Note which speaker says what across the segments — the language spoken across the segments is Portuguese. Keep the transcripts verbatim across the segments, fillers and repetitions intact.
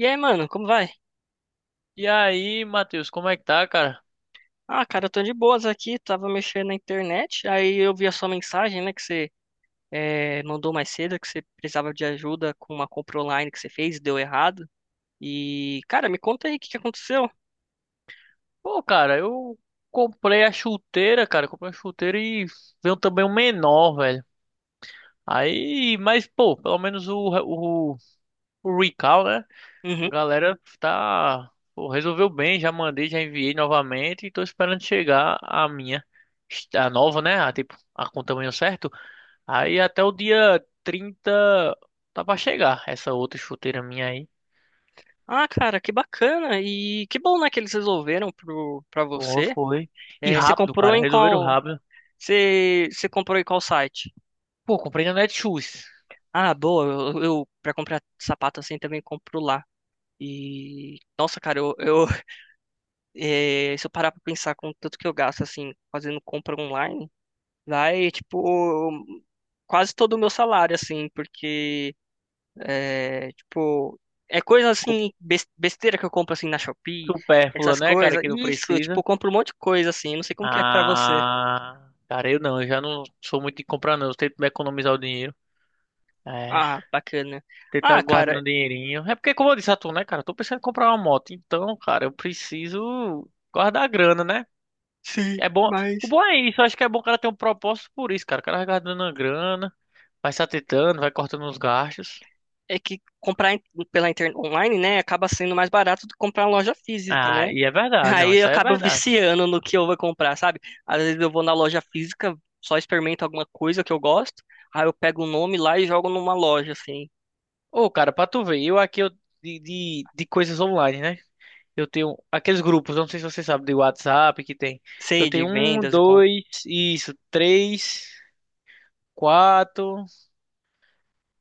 Speaker 1: E aí, mano, como vai?
Speaker 2: E aí, Matheus, como é que tá, cara?
Speaker 1: Ah, cara, eu tô de boas aqui, tava mexendo na internet, aí eu vi a sua mensagem, né, que você eh, mandou mais cedo, que você precisava de ajuda com uma compra online que você fez, deu errado. E, cara, me conta aí o que que aconteceu.
Speaker 2: Pô, cara, eu comprei a chuteira, cara. Comprei a chuteira e veio também um menor, velho. Aí, mas, pô, pelo menos o, o, o recall, né? A
Speaker 1: Uhum.
Speaker 2: galera tá. Pô, resolveu bem, já mandei, já enviei novamente e tô esperando chegar a minha. A nova, né? A, tipo, a com o tamanho certo. Aí até o dia trinta tá pra chegar essa outra chuteira minha aí.
Speaker 1: Ah, cara, que bacana, e que bom, né, que eles resolveram pro, pra
Speaker 2: Pô,
Speaker 1: você.
Speaker 2: foi. E
Speaker 1: Eh, você
Speaker 2: rápido,
Speaker 1: comprou
Speaker 2: cara.
Speaker 1: em
Speaker 2: Resolveram
Speaker 1: qual...
Speaker 2: rápido.
Speaker 1: Você, você comprou em qual site?
Speaker 2: Pô, comprei na Netshoes.
Speaker 1: Ah, boa, eu, eu pra comprar sapato assim também compro lá. E, nossa, cara, eu, eu É, se eu parar pra pensar com o tanto que eu gasto, assim, fazendo compra online, vai, tipo, quase todo o meu salário, assim, porque, é, tipo, é coisa,
Speaker 2: Co-
Speaker 1: assim, bes- besteira que eu compro, assim, na Shopee,
Speaker 2: Supérflua,
Speaker 1: essas
Speaker 2: né, cara,
Speaker 1: coisas.
Speaker 2: que não
Speaker 1: Isso, eu, tipo,
Speaker 2: precisa.
Speaker 1: eu compro um monte de coisa, assim, não sei como que é pra você.
Speaker 2: Ah, cara, eu não, eu já não sou muito de comprar, não. Eu tento me economizar o dinheiro. É,
Speaker 1: Ah, bacana.
Speaker 2: tentar
Speaker 1: Ah,
Speaker 2: guardando
Speaker 1: cara,
Speaker 2: um dinheirinho. É porque, como eu disse a tu, né, cara, eu tô pensando em comprar uma moto. Então, cara, eu preciso guardar a grana, né?
Speaker 1: sim,
Speaker 2: É bom. O
Speaker 1: mas...
Speaker 2: bom é isso, eu acho que é bom o cara ter um propósito por isso, cara. O cara vai guardando a grana, vai se atentando, vai cortando os gastos.
Speaker 1: É que comprar in- pela internet online, né, acaba sendo mais barato do que comprar em loja física,
Speaker 2: Ah,
Speaker 1: né?
Speaker 2: e é verdade, não,
Speaker 1: Aí eu
Speaker 2: isso aí é
Speaker 1: acabo
Speaker 2: verdade.
Speaker 1: viciando no que eu vou comprar, sabe? Às vezes eu vou na loja física, só experimento alguma coisa que eu gosto, aí eu pego o nome lá e jogo numa loja, assim.
Speaker 2: Ô, cara, pra tu ver, eu aqui eu, de, de, de coisas online, né? Eu tenho aqueles grupos, não sei se você sabe, de WhatsApp que tem. Eu
Speaker 1: Sei de
Speaker 2: tenho um,
Speaker 1: vendas e compro.
Speaker 2: dois, isso, três, quatro.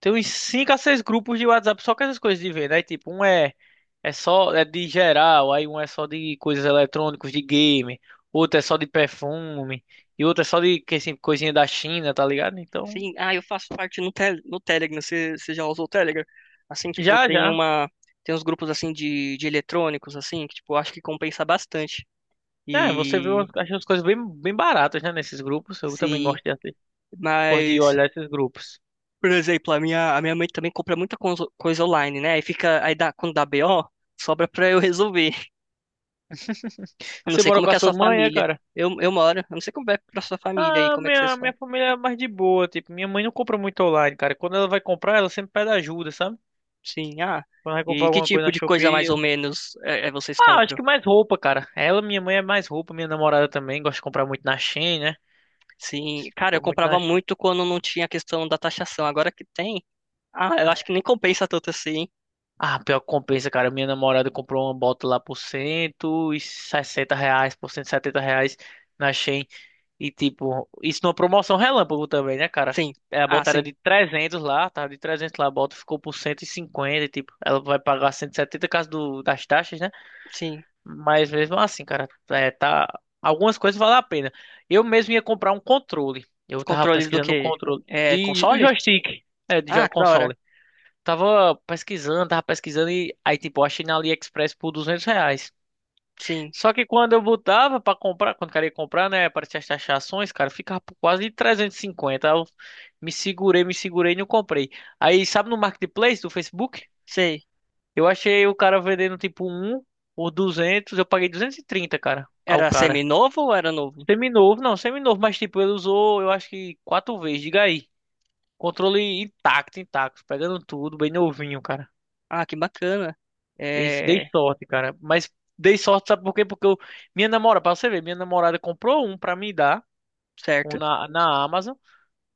Speaker 2: Tem uns cinco a seis grupos de WhatsApp só com essas coisas de venda. Aí, tipo, um é, é só é de geral, aí um é só de coisas eletrônicas, de game, outro é só de perfume, e outro é só de que, assim, coisinha da China, tá ligado? Então,
Speaker 1: Sim, ah, eu faço parte no, tel no Telegram, você você já usou o Telegram? Assim, tipo,
Speaker 2: já,
Speaker 1: tem
Speaker 2: já.
Speaker 1: uma... Tem uns grupos, assim, de, de eletrônicos, assim, que, tipo, eu acho que compensa bastante.
Speaker 2: É, você vê umas,
Speaker 1: E...
Speaker 2: acha as coisas bem, bem baratas, né, nesses grupos. Eu também
Speaker 1: Sim,
Speaker 2: gosto de, assi- gosto de
Speaker 1: mas...
Speaker 2: olhar esses grupos.
Speaker 1: Por exemplo, a minha, a minha mãe também compra muita conso- coisa online, né? Aí fica... Aí dá, quando dá B O, sobra pra eu resolver. Eu não
Speaker 2: Você
Speaker 1: sei
Speaker 2: mora
Speaker 1: como
Speaker 2: com
Speaker 1: que
Speaker 2: a
Speaker 1: é a
Speaker 2: sua
Speaker 1: sua
Speaker 2: mãe, é,
Speaker 1: família.
Speaker 2: cara?
Speaker 1: Eu, eu moro. Eu não sei como é pra sua família aí,
Speaker 2: Ah,
Speaker 1: como é que vocês
Speaker 2: minha, minha
Speaker 1: fazem.
Speaker 2: família é mais de boa, tipo, minha mãe não compra muito online, cara. Quando ela vai comprar, ela sempre pede ajuda, sabe?
Speaker 1: Sim, ah.
Speaker 2: Quando vai
Speaker 1: E
Speaker 2: comprar
Speaker 1: que
Speaker 2: alguma coisa
Speaker 1: tipo
Speaker 2: na
Speaker 1: de coisa mais
Speaker 2: Shopee.
Speaker 1: ou menos é, é vocês
Speaker 2: Ah, acho
Speaker 1: compram?
Speaker 2: que mais roupa, cara. Ela, minha mãe é mais roupa, minha namorada também gosta de comprar muito na Shein, né?
Speaker 1: Sim, cara, eu
Speaker 2: Compra muito na.
Speaker 1: comprava muito quando não tinha a questão da taxação. Agora que tem, ah, eu acho que nem compensa tanto assim.
Speaker 2: Ah, pior que compensa, cara. Minha namorada comprou uma bota lá por cento e sessenta reais, por cento e setenta reais na Shein. E, tipo, isso numa promoção relâmpago também, né, cara?
Speaker 1: Sim.
Speaker 2: É, a
Speaker 1: Ah,
Speaker 2: bota era
Speaker 1: sim.
Speaker 2: de trezentos lá, tava de trezentos lá, a bota ficou por cento e cinquenta e, tipo, ela vai pagar cento e setenta caso do, das taxas, né?
Speaker 1: Sim.
Speaker 2: Mas mesmo assim, cara, é, tá. Algumas coisas valem a pena. Eu mesmo ia comprar um controle. Eu tava
Speaker 1: Controle do
Speaker 2: pesquisando um
Speaker 1: quê?
Speaker 2: controle
Speaker 1: É
Speaker 2: de
Speaker 1: console?
Speaker 2: joystick, é, de
Speaker 1: Ah,
Speaker 2: jo-
Speaker 1: que da hora.
Speaker 2: console. Tava pesquisando, tava pesquisando e aí, tipo, eu achei na AliExpress por duzentos reais.
Speaker 1: Sim.
Speaker 2: Só que quando eu botava pra comprar, quando queria comprar, né, para as taxações, cara, ficava por quase trezentos e cinquenta. Aí eu me segurei, me segurei e não comprei. Aí, sabe no Marketplace do Facebook?
Speaker 1: Sei.
Speaker 2: Eu achei o cara vendendo, tipo, um por duzentos, eu paguei duzentos e trinta, cara, ao
Speaker 1: Era
Speaker 2: cara.
Speaker 1: semi-novo ou era novo?
Speaker 2: Seminovo, não, seminovo, mas, tipo, ele usou, eu acho que quatro vezes, diga aí. Controle intacto, intacto, pegando tudo, bem novinho, cara.
Speaker 1: Ah, que bacana.
Speaker 2: Dei, dei
Speaker 1: É,
Speaker 2: sorte, cara. Mas dei sorte, sabe por quê? Porque eu, minha namorada, pra você ver, minha namorada comprou um pra me dar, um
Speaker 1: certo.
Speaker 2: na, na Amazon.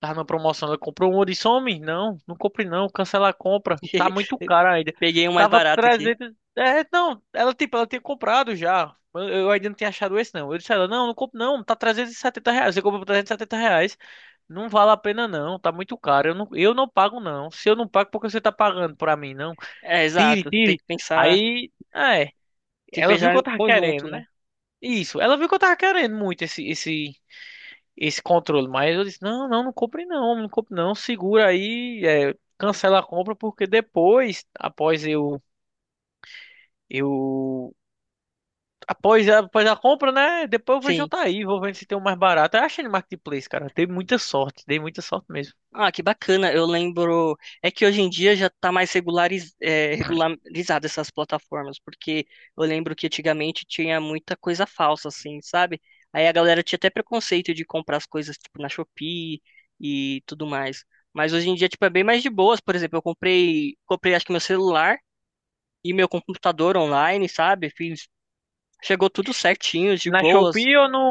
Speaker 2: Tava na promoção, ela comprou um. Eu disse, homem, não, não compre não, cancela a compra. Tá muito caro ainda.
Speaker 1: Peguei um mais
Speaker 2: Tava
Speaker 1: barato aqui.
Speaker 2: trezentos. É, não, ela, tipo, ela tinha comprado já. Eu, eu ainda não tinha achado esse, não. Eu disse a ela, não, não compro não, tá trezentos e setenta reais. Você comprou por trezentos e setenta reais. Não vale a pena não, tá muito caro. Eu não, eu não pago não. Se eu não pago, por que você tá pagando pra mim, não?
Speaker 1: É,
Speaker 2: Tire,
Speaker 1: exato. Você tem
Speaker 2: tire.
Speaker 1: que pensar,
Speaker 2: Aí. É,
Speaker 1: tem que
Speaker 2: ela viu
Speaker 1: pensar
Speaker 2: que eu
Speaker 1: em
Speaker 2: tava
Speaker 1: conjunto,
Speaker 2: querendo,
Speaker 1: né?
Speaker 2: né? Isso, ela viu que eu tava querendo muito esse, esse, esse controle, mas eu disse, não, não, não compre não, não compre não, segura aí, é, cancela a compra, porque depois, após eu, eu, após, a- após a compra, né, depois eu vejo
Speaker 1: Sim.
Speaker 2: outra aí, vou vendo se tem um mais barato. Eu achei no Marketplace, cara, dei muita sorte, dei muita sorte mesmo.
Speaker 1: Ah, que bacana. Eu lembro. É que hoje em dia já tá mais regulariz... é, regularizado essas plataformas, porque eu lembro que antigamente tinha muita coisa falsa, assim, sabe? Aí a galera tinha até preconceito de comprar as coisas, tipo, na Shopee e tudo mais. Mas hoje em dia, tipo, é bem mais de boas. Por exemplo, eu comprei, comprei acho que meu celular e meu computador online, sabe? Fiz... Chegou tudo certinho, de
Speaker 2: Na
Speaker 1: boas.
Speaker 2: Shopee ou no.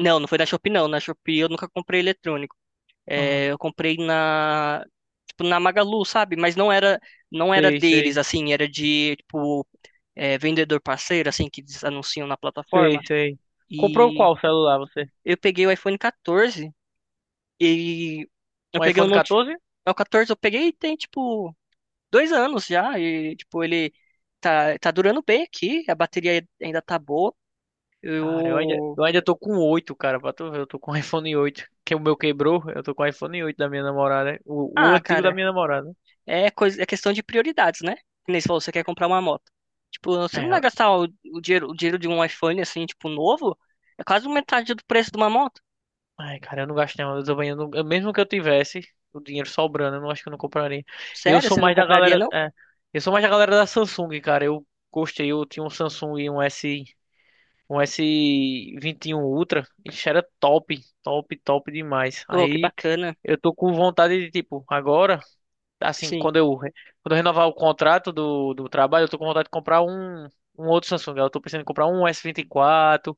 Speaker 1: Não, não foi da Shopee, não. Na Shopee eu nunca comprei eletrônico. É,
Speaker 2: Ah,
Speaker 1: eu comprei na, tipo, na Magalu, sabe? Mas não era, não era
Speaker 2: sei,
Speaker 1: deles,
Speaker 2: sei,
Speaker 1: assim, era de, tipo, é, vendedor parceiro, assim, que eles anunciam na
Speaker 2: sei,
Speaker 1: plataforma.
Speaker 2: sei. Comprou
Speaker 1: E
Speaker 2: qual celular você?
Speaker 1: eu peguei o iPhone quatorze e eu
Speaker 2: Um
Speaker 1: peguei o
Speaker 2: iPhone
Speaker 1: Note.
Speaker 2: quatorze?
Speaker 1: é, O quatorze eu peguei e tem, tipo, dois anos já. E, tipo, ele tá, tá durando bem aqui, a bateria ainda tá boa.
Speaker 2: Cara, eu ainda,
Speaker 1: Eu.
Speaker 2: eu ainda tô com oito, cara, pra tu ver, eu tô com o iPhone oito que o meu quebrou, eu tô com o iPhone oito da minha namorada, o, o
Speaker 1: Ah,
Speaker 2: antigo da
Speaker 1: cara.
Speaker 2: minha namorada.
Speaker 1: É, coisa, é questão de prioridades, né? Que nem você falou, você quer comprar uma moto. Tipo, você não vai
Speaker 2: É,
Speaker 1: gastar o, o dinheiro, o dinheiro de um iPhone, assim, tipo, novo. É quase metade do preço de uma moto.
Speaker 2: ai, cara, eu não gasto não, eu também, eu não- eu- mesmo que eu tivesse o dinheiro sobrando, eu não acho que eu não compraria. Eu
Speaker 1: Sério,
Speaker 2: sou
Speaker 1: você não
Speaker 2: mais da
Speaker 1: compraria,
Speaker 2: galera,
Speaker 1: não?
Speaker 2: é, eu sou mais da galera da Samsung, cara, eu gostei, eu tinha um Samsung, um S, um S vinte e um Ultra, isso era top, top, top demais.
Speaker 1: Oh, que
Speaker 2: Aí,
Speaker 1: bacana.
Speaker 2: eu tô com vontade de, tipo, agora assim,
Speaker 1: Sim.
Speaker 2: quando eu, re- quando eu renovar o contrato do, do trabalho, eu tô com vontade de comprar um, um outro Samsung. Eu tô pensando em comprar um S vinte e quatro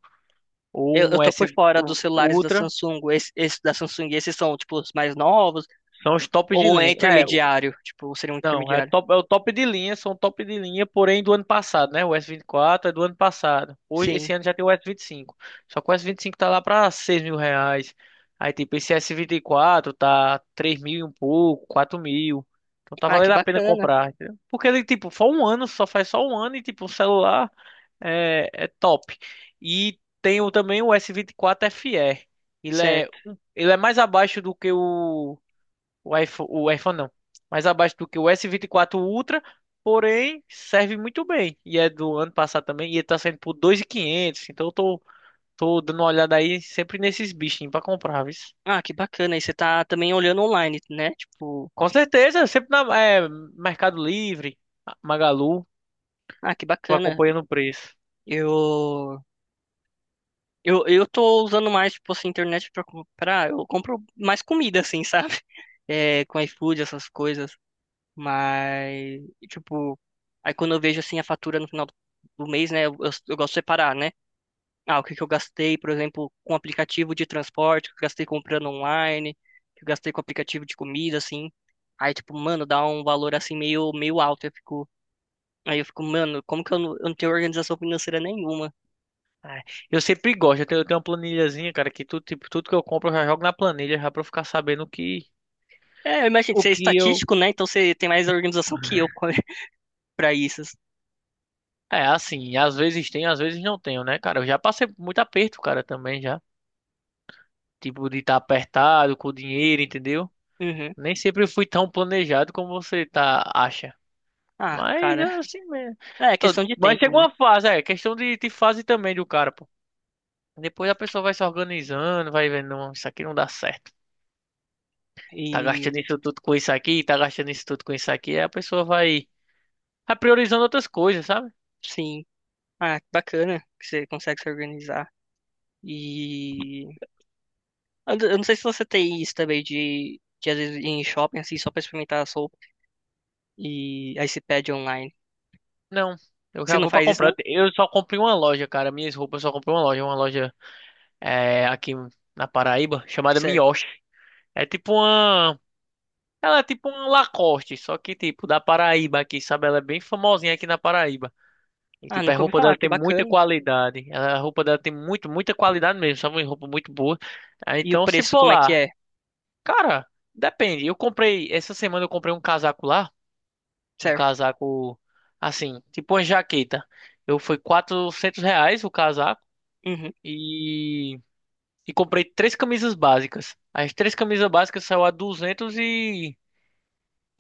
Speaker 2: ou
Speaker 1: Eu, eu
Speaker 2: um
Speaker 1: tô por
Speaker 2: S
Speaker 1: fora
Speaker 2: um
Speaker 1: dos celulares da
Speaker 2: Ultra.
Speaker 1: Samsung. Esse, esse da Samsung, esses são, tipo, os mais novos.
Speaker 2: São os tops de
Speaker 1: Ou é
Speaker 2: linha, né?
Speaker 1: intermediário. Tipo, seria um
Speaker 2: Não, é
Speaker 1: intermediário.
Speaker 2: top, é o top de linha, são top de linha, porém do ano passado, né? O S vinte e quatro é do ano passado. Hoje,
Speaker 1: Sim.
Speaker 2: esse ano já tem o S vinte e cinco. Só que o S vinte e cinco tá lá pra seis mil reais. Aí tipo, esse S vinte e quatro tá três mil e um pouco, quatro mil. Então tá
Speaker 1: Ah, que
Speaker 2: valendo a pena
Speaker 1: bacana.
Speaker 2: comprar, entendeu? Porque ele, tipo, só um ano, só faz só um ano e, tipo, o celular é, é top. E tem o, também o S vinte e quatro F E. Ele é,
Speaker 1: Certo.
Speaker 2: um- ele é mais abaixo do que o o iPhone, o iPhone não. Mais abaixo do que o S vinte e quatro Ultra, porém serve muito bem. E é do ano passado também. E ele tá saindo por dois mil e quinhentos. Então eu tô, tô dando uma olhada aí sempre nesses bichinhos pra comprar, viu?
Speaker 1: Ah, que bacana. E você tá também olhando online, né? Tipo,
Speaker 2: Com certeza, sempre na é, Mercado Livre, Magalu,
Speaker 1: ah, que
Speaker 2: vou
Speaker 1: bacana.
Speaker 2: acompanhando o preço.
Speaker 1: Eu Eu, eu tô usando mais, tipo assim, internet pra comprar. Eu compro mais comida, assim, sabe? É, com iFood, essas coisas. Mas, tipo, aí quando eu vejo, assim, a fatura no final do do mês, né? Eu, eu, eu gosto de separar, né? Ah, o que que eu gastei, por exemplo, com aplicativo de transporte, o que eu gastei comprando online, o que eu gastei com aplicativo de comida, assim. Aí, tipo, mano, dá um valor, assim, meio, meio alto. Eu fico, aí eu fico, mano, como que eu não, eu não tenho organização financeira nenhuma?
Speaker 2: É, eu sempre gosto, eu tenho, eu tenho uma planilhazinha, cara, que tudo, tipo, tudo que eu compro eu já jogo na planilha, já pra eu ficar sabendo o que,
Speaker 1: É, eu imagino,
Speaker 2: o
Speaker 1: você é
Speaker 2: que eu.
Speaker 1: estatístico, né? Então você tem mais organização que eu co- pra isso.
Speaker 2: É, assim, às vezes tenho, às vezes não tenho, né, cara? Eu já passei por muito aperto, cara, também já. Tipo, de estar apertado com o dinheiro, entendeu?
Speaker 1: Uhum.
Speaker 2: Nem sempre fui tão planejado como você tá, acha.
Speaker 1: Ah,
Speaker 2: Mas é
Speaker 1: cara.
Speaker 2: assim mesmo.
Speaker 1: É, é
Speaker 2: Tô-
Speaker 1: questão de
Speaker 2: Mas
Speaker 1: tempo,
Speaker 2: chegou
Speaker 1: né?
Speaker 2: uma fase, é questão de, de fase também do cara, pô. Depois a pessoa vai se organizando, vai vendo, não, isso aqui não dá certo. Tá
Speaker 1: E
Speaker 2: gastando isso tudo com isso aqui, tá gastando isso tudo com isso aqui. Aí a pessoa vai, vai priorizando outras coisas, sabe?
Speaker 1: sim. Ah, que bacana que você consegue se organizar. E eu eu não sei se você tem isso também de, de às vezes ir em shopping assim só pra experimentar a sopa e aí você pede online.
Speaker 2: Não, eu
Speaker 1: Você
Speaker 2: já
Speaker 1: não
Speaker 2: vou pra
Speaker 1: faz isso
Speaker 2: comprar.
Speaker 1: não?
Speaker 2: Eu só comprei uma loja, cara. Minhas roupas eu só comprei uma loja. Uma loja é, aqui na Paraíba, chamada
Speaker 1: Certo.
Speaker 2: Mioshi. É tipo uma. Ela é tipo um Lacoste, só que tipo da Paraíba aqui, sabe? Ela é bem famosinha aqui na Paraíba. E
Speaker 1: Ah,
Speaker 2: tipo, a
Speaker 1: nunca ouvi
Speaker 2: roupa
Speaker 1: falar,
Speaker 2: dela
Speaker 1: que
Speaker 2: tem muita
Speaker 1: bacana.
Speaker 2: qualidade. Ela- A roupa dela tem muito, muita qualidade mesmo, sabe? Uma roupa muito boa. Ah,
Speaker 1: E o
Speaker 2: então, se
Speaker 1: preço
Speaker 2: for
Speaker 1: como é que
Speaker 2: lá,
Speaker 1: é?
Speaker 2: cara, depende. Eu comprei, essa semana eu comprei um casaco lá, um
Speaker 1: Certo.
Speaker 2: casaco assim, tipo uma jaqueta. Eu fui quatrocentos reais o casaco
Speaker 1: Uhum.
Speaker 2: e, e comprei três camisas básicas. As três camisas básicas saiu a duzentos e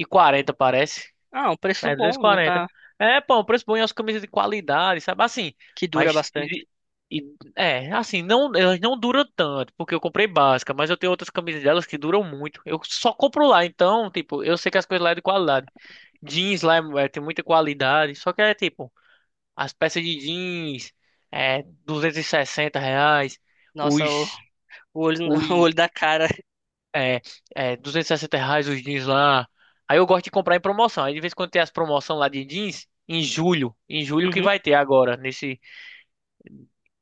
Speaker 2: quarenta parece.
Speaker 1: Ah, um preço
Speaker 2: É,
Speaker 1: bom, não
Speaker 2: duzentos e quarenta.
Speaker 1: tá
Speaker 2: É, pô, um preço bom e as camisas de qualidade, sabe? Assim,
Speaker 1: que dura
Speaker 2: mas.
Speaker 1: bastante.
Speaker 2: E, e- é, assim, não, elas não duram tanto, porque eu comprei básica, mas eu tenho outras camisas delas que duram muito. Eu só compro lá, então, tipo, eu sei que as coisas lá é de qualidade. Jeans lá é, é, tem muita qualidade, só que é tipo, as peças de jeans, é, duzentos e sessenta reais,
Speaker 1: Nossa, o,
Speaker 2: os,
Speaker 1: o olho
Speaker 2: os
Speaker 1: o olho da cara.
Speaker 2: é, é, duzentos e sessenta reais os jeans lá. Aí eu gosto de comprar em promoção. Aí de vez em quando tem as promoções lá de jeans, em julho. Em julho que
Speaker 1: Uhum.
Speaker 2: vai ter agora, nesse.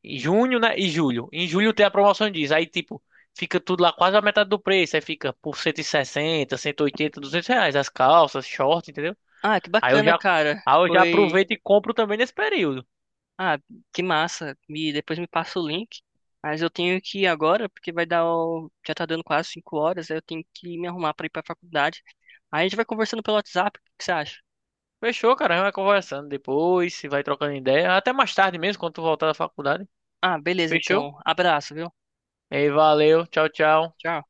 Speaker 2: Em junho, né? E julho. Em julho tem a promoção de jeans. Aí, tipo, fica tudo lá quase a metade do preço. Aí fica por cento cento e sessenta, cento e oitenta, duzentos reais. As calças, shorts, entendeu?
Speaker 1: Ah, que
Speaker 2: Aí eu
Speaker 1: bacana,
Speaker 2: já,
Speaker 1: cara.
Speaker 2: aí eu já
Speaker 1: Foi.
Speaker 2: aproveito e compro também nesse período.
Speaker 1: Ah, que massa. Me... Depois me passa o link. Mas eu tenho que ir agora, porque vai dar o... Já tá dando quase cinco horas, aí eu tenho que me arrumar pra ir pra faculdade. Aí a gente vai conversando pelo WhatsApp, o que que você acha?
Speaker 2: Fechou, cara. A gente vai conversando depois, se vai trocando ideia. Até mais tarde mesmo, quando tu voltar da faculdade.
Speaker 1: Ah, beleza,
Speaker 2: Fechou?
Speaker 1: então. Abraço, viu?
Speaker 2: E aí, valeu. Tchau, tchau.
Speaker 1: Tchau.